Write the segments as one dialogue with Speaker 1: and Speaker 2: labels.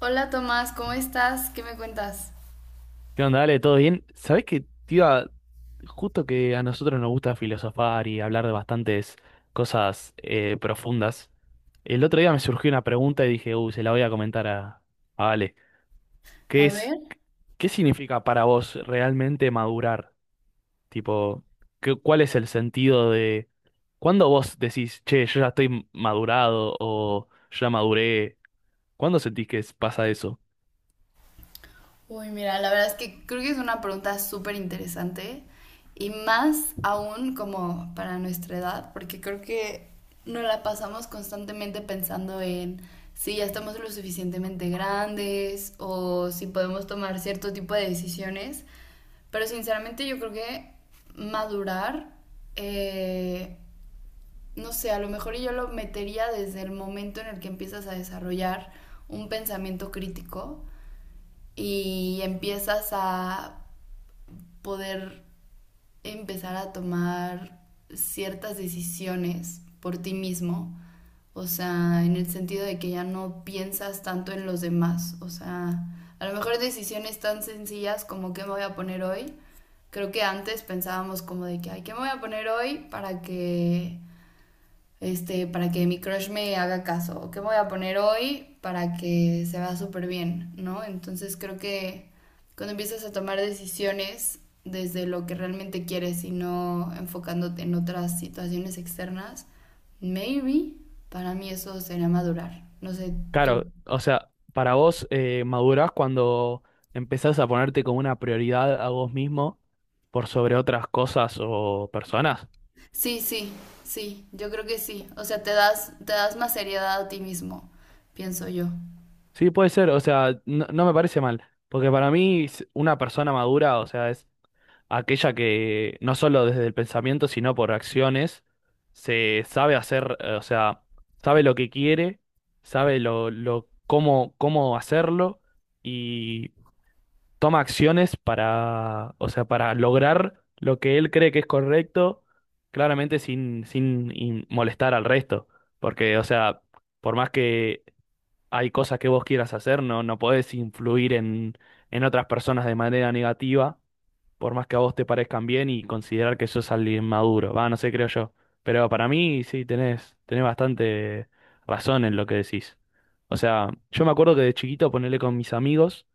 Speaker 1: Hola Tomás, ¿cómo estás? ¿Qué me cuentas?
Speaker 2: ¿Qué onda? Dale, ¿todo bien? ¿Sabés que, tío? Justo que a nosotros nos gusta filosofar y hablar de bastantes cosas profundas, el otro día me surgió una pregunta y dije, uy, se la voy a comentar a Ale. ¿Qué
Speaker 1: A
Speaker 2: es,
Speaker 1: ver.
Speaker 2: qué significa para vos realmente madurar? Tipo, ¿cuál es el sentido de... ¿Cuándo vos decís, che, yo ya estoy madurado o ya maduré? ¿Cuándo sentís que es- ¿Pasa eso?
Speaker 1: Uy, mira, la verdad es que creo que es una pregunta súper interesante y más aún como para nuestra edad, porque creo que nos la pasamos constantemente pensando en si ya estamos lo suficientemente grandes o si podemos tomar cierto tipo de decisiones, pero sinceramente yo creo que madurar, eh, no sé, a lo mejor yo lo metería desde el momento en el que empiezas a desarrollar un pensamiento crítico y empiezas a poder empezar a tomar ciertas decisiones por ti mismo, o sea, en el sentido de que ya no piensas tanto en los demás, o sea, a lo mejor decisiones tan sencillas como qué me voy a poner hoy. Creo que antes pensábamos como de que, ay, ¿qué me voy a poner hoy para que para que mi crush me haga caso, qué voy a poner hoy para que se vea súper bien, ¿no? Entonces creo que cuando empiezas a tomar decisiones desde lo que realmente quieres y no enfocándote en otras situaciones externas, maybe para mí eso sería madurar. No sé, tú.
Speaker 2: Claro, o sea, para vos madurás cuando empezás a ponerte como una prioridad a vos mismo por sobre otras cosas o personas.
Speaker 1: Sí, sí, sí, yo creo que sí. O sea, te das más seriedad a ti mismo, pienso yo.
Speaker 2: Sí, puede ser, o sea, no me parece mal, porque para mí una persona madura, o sea, es aquella que no solo desde el pensamiento, sino por acciones, se sabe hacer, o sea, sabe lo que quiere, sabe cómo hacerlo, toma acciones para, o sea, para lograr lo que él cree que es correcto, claramente sin in- molestar al resto. Porque, o sea, por más que hay cosas que vos quieras hacer, no podés influir en otras personas de manera negativa, por más que a vos te parezcan bien y considerar que sos alguien maduro. Va, no sé, creo yo. Pero para mí sí, tenés bastante razón en lo que decís. O sea, yo me acuerdo que de chiquito, ponerle con mis amigos,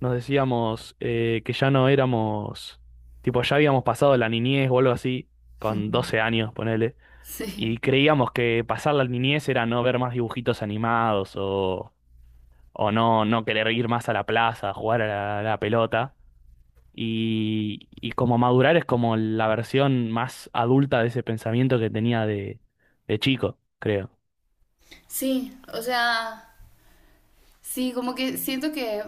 Speaker 2: nos decíamos que ya no éramos, tipo, ya habíamos pasado la niñez o algo así, con 12 años, ponele. Y
Speaker 1: Sí.
Speaker 2: creíamos que pasar la niñez era no ver más dibujitos animados o no querer ir más a la plaza, a jugar a a la pelota. Y como madurar es como la versión más adulta de ese pensamiento que tenía de chico, creo.
Speaker 1: Sí, o sea, sí, como que siento que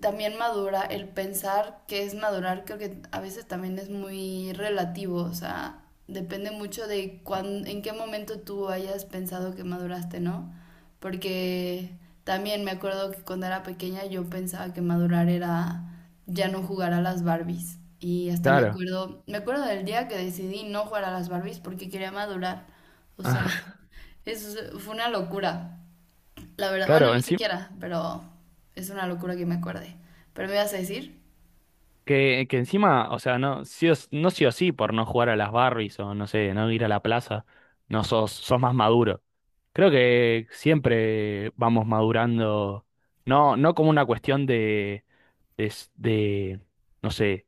Speaker 1: también madura, el pensar que es madurar, creo que a veces también es muy relativo, o sea, depende mucho de cuán, en qué momento tú hayas pensado que maduraste, ¿no? Porque también me acuerdo que cuando era pequeña yo pensaba que madurar era ya no jugar a las Barbies. Y hasta
Speaker 2: Claro.
Speaker 1: me acuerdo del día que decidí no jugar a las Barbies porque quería madurar. O sea,
Speaker 2: Ah,
Speaker 1: eso fue una locura. La verdad, bueno,
Speaker 2: claro,
Speaker 1: ni
Speaker 2: encima,
Speaker 1: siquiera, pero es una locura que me acuerde. ¿Pero me ibas a decir?
Speaker 2: que encima, o sea, no sí, o, no sí o sí por no jugar a las Barbies o no sé, no ir a la plaza, no sos, sos más maduro. Creo que siempre vamos madurando, no como una cuestión de, s- de, no sé,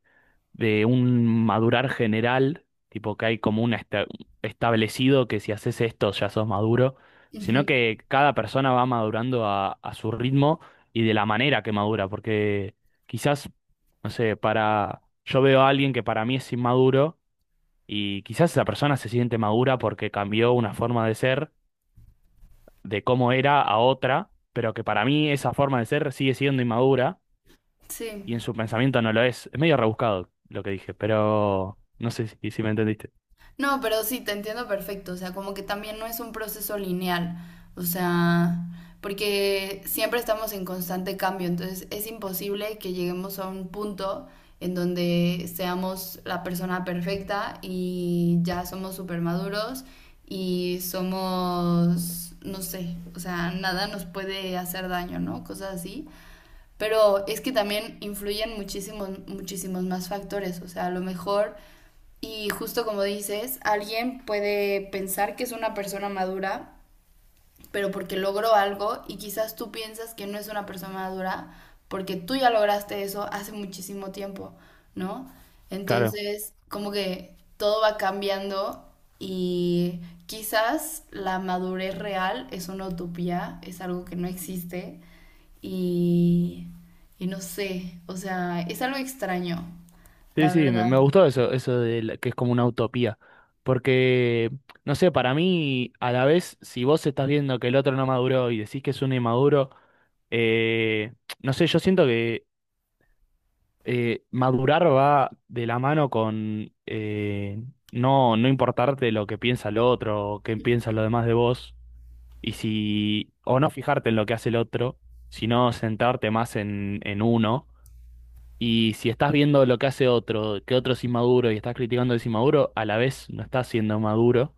Speaker 2: de un madurar general, tipo que hay como un establecido que si haces esto ya sos maduro, sino
Speaker 1: Ujú.
Speaker 2: que cada persona va madurando a su ritmo y de la manera que madura, porque quizás, no sé, para yo veo a alguien que para mí es inmaduro y quizás esa persona se siente madura porque cambió una forma de ser, de cómo era a otra, pero que para mí esa forma de ser sigue siendo inmadura
Speaker 1: Sí.
Speaker 2: y en su pensamiento no lo es. Es medio rebuscado lo que dije, pero no sé si me entendiste.
Speaker 1: No, pero sí, te entiendo perfecto. O sea, como que también no es un proceso lineal. O sea, porque siempre estamos en constante cambio. Entonces es imposible que lleguemos a un punto en donde seamos la persona perfecta y ya somos súper maduros y somos, no sé, o sea, nada nos puede hacer daño, ¿no? Cosas así. Pero es que también influyen muchísimos más factores. O sea, a lo mejor, y justo como dices, alguien puede pensar que es una persona madura pero porque logró algo y quizás tú piensas que no es una persona madura porque tú ya lograste eso hace muchísimo tiempo, ¿no?
Speaker 2: Claro.
Speaker 1: Entonces, como que todo va cambiando y quizás la madurez real es una utopía, es algo que no existe y, y no sé, o sea, es algo extraño,
Speaker 2: Sí,
Speaker 1: la
Speaker 2: sí, me
Speaker 1: verdad.
Speaker 2: gustó eso, que es como una utopía. Porque, no sé, para mí, a la vez, si vos estás viendo que el otro no maduró y decís que es un inmaduro, eh, no sé, yo siento que madurar va de la mano con no importarte lo que piensa el otro o qué piensa lo demás de vos. Y si, o no fijarte en lo que hace el otro, sino sentarte más en uno. Y si estás viendo lo que hace otro, que otro es inmaduro y estás criticando el inmaduro, a la vez no estás siendo maduro,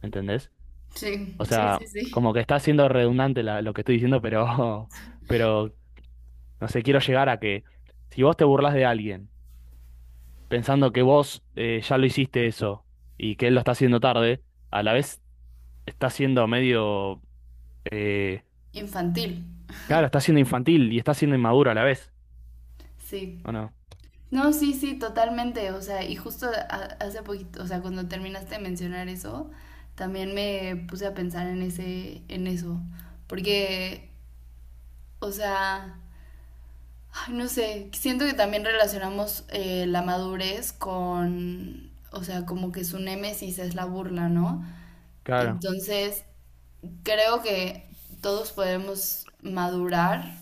Speaker 2: ¿entendés?
Speaker 1: Sí,
Speaker 2: O
Speaker 1: sí,
Speaker 2: sea,
Speaker 1: sí, sí.
Speaker 2: como que está siendo redundante lo que estoy diciendo, pero, pero, no sé, quiero llegar a que si vos te burlas de alguien pensando que vos ya lo hiciste eso y que él lo está haciendo tarde, a la vez estás siendo medio, eh,
Speaker 1: Infantil,
Speaker 2: claro, estás siendo infantil y estás siendo inmaduro a la vez.
Speaker 1: sí.
Speaker 2: ¿O no?
Speaker 1: No, sí, sí, totalmente. O sea, y hace poquito, o sea, cuando terminaste de mencionar eso, también me puse a pensar en ese, en eso. Porque, o sea, ay, no sé, siento que también relacionamos la madurez con, o sea, como que su némesis es la burla, ¿no?
Speaker 2: Claro,
Speaker 1: Entonces, creo que todos podemos madurar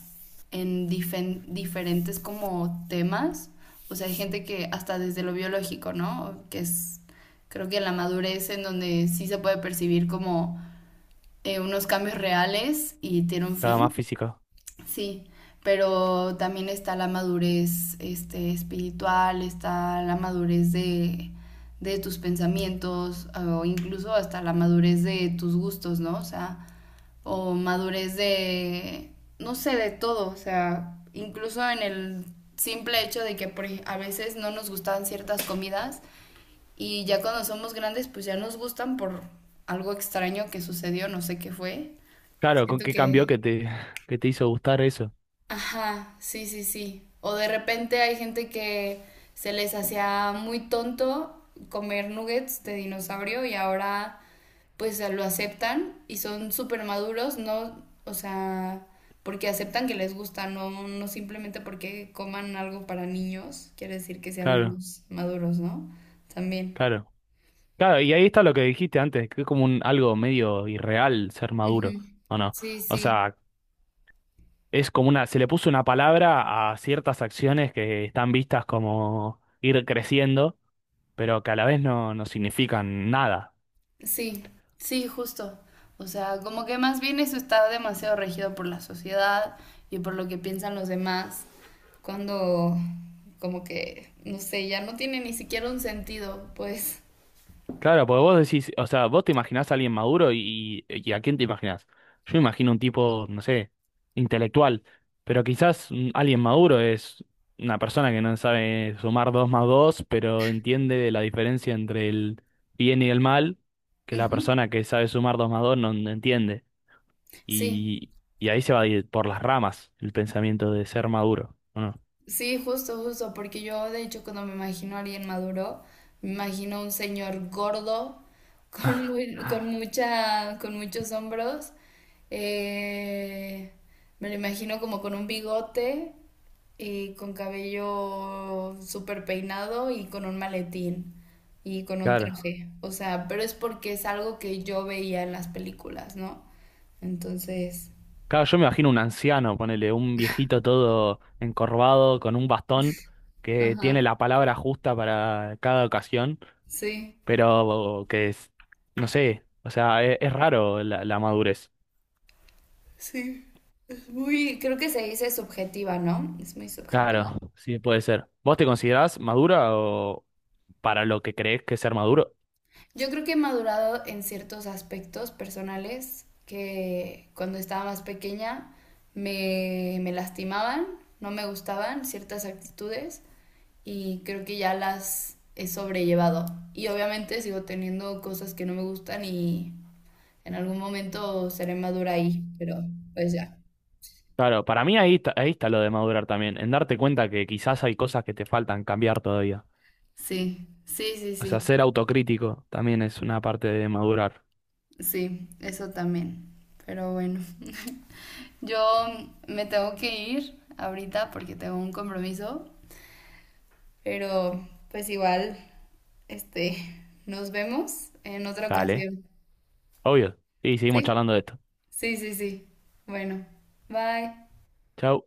Speaker 1: en diferentes como temas. O sea, hay gente que hasta desde lo biológico, ¿no? Que es, creo que la madurez en donde sí se puede percibir como unos cambios reales y tiene un
Speaker 2: claro, más
Speaker 1: fin.
Speaker 2: físico.
Speaker 1: Sí, pero también está la madurez este, espiritual, está la madurez de tus pensamientos, o incluso hasta la madurez de tus gustos, ¿no? O sea, o madurez de, no sé, de todo, o sea, incluso en el simple hecho de que a veces no nos gustaban ciertas comidas y ya cuando somos grandes pues ya nos gustan por algo extraño que sucedió, no sé qué fue.
Speaker 2: Claro, ¿con
Speaker 1: Siento
Speaker 2: qué cambió
Speaker 1: que,
Speaker 2: que te, que te hizo gustar eso?
Speaker 1: ajá, sí, sí, sí. O de repente hay gente que se les hacía muy tonto comer nuggets de dinosaurio y ahora pues lo aceptan y son súper maduros, no, o sea, porque aceptan que les gusta, no, no simplemente porque coman algo para niños, quiere decir que sean
Speaker 2: Claro,
Speaker 1: menos maduros, ¿no? También.
Speaker 2: claro. Claro, y ahí está lo que dijiste antes, que es como un algo medio irreal ser
Speaker 1: Ujú.
Speaker 2: maduro, ¿o no?
Speaker 1: Sí,
Speaker 2: O
Speaker 1: sí.
Speaker 2: sea, es como una, se le puso una palabra a ciertas acciones que están vistas como ir creciendo, pero que a la vez no significan nada.
Speaker 1: Sí, sí, justo. O sea, como que más bien eso está demasiado regido por la sociedad y por lo que piensan los demás, cuando como que, no sé, ya no tiene ni siquiera un sentido, pues.
Speaker 2: Claro, porque vos decís, o sea, vos te imaginás a alguien maduro y a quién te imaginás. Yo me imagino un tipo, no sé, intelectual, pero quizás mm, alguien maduro es una persona que no sabe sumar 2 más 2, pero entiende la diferencia entre el bien y el mal, que la
Speaker 1: Ujú.
Speaker 2: persona que sabe sumar 2 más 2 no entiende.
Speaker 1: Sí,
Speaker 2: Y, y ahí se va a ir por las ramas el pensamiento de ser maduro, ¿o no?
Speaker 1: sí, justo, justo, porque yo de hecho cuando me imagino a alguien maduro, me imagino a un señor gordo, con, con muchos hombros, eh, me lo imagino como con un bigote y con cabello súper peinado y con un maletín y con un
Speaker 2: Claro.
Speaker 1: traje. O sea, pero es porque es algo que yo veía en las películas, ¿no? Entonces,
Speaker 2: Claro, yo me imagino un anciano, ponele, un viejito todo encorvado con un bastón que tiene
Speaker 1: ajá,
Speaker 2: la palabra justa para cada ocasión,
Speaker 1: sí,
Speaker 2: pero que es, no sé, o sea, es raro la madurez.
Speaker 1: sí. Es muy, creo que se dice subjetiva, ¿no? Es muy subjetiva.
Speaker 2: Claro, sí, puede ser. ¿Vos te considerás madura o para lo que crees que es ser maduro?
Speaker 1: Yo creo que he madurado en ciertos aspectos personales que cuando estaba más pequeña me lastimaban, no me gustaban ciertas actitudes y creo que ya las he sobrellevado. Y obviamente sigo teniendo cosas que no me gustan y en algún momento seré madura ahí, pero pues ya.
Speaker 2: Claro, para mí ahí está lo de madurar también, en darte cuenta que quizás hay cosas que te faltan cambiar todavía.
Speaker 1: Sí, sí, sí,
Speaker 2: O sea,
Speaker 1: sí,
Speaker 2: ser autocrítico también es una parte de madurar.
Speaker 1: sí, eso también. Pero bueno, yo me tengo que ir ahorita porque tengo un compromiso, pero pues igual, este, nos vemos en otra
Speaker 2: Dale,
Speaker 1: ocasión.
Speaker 2: obvio. Y seguimos
Speaker 1: Sí,
Speaker 2: charlando de esto.
Speaker 1: sí, sí, sí. Bueno, bye.
Speaker 2: Chau.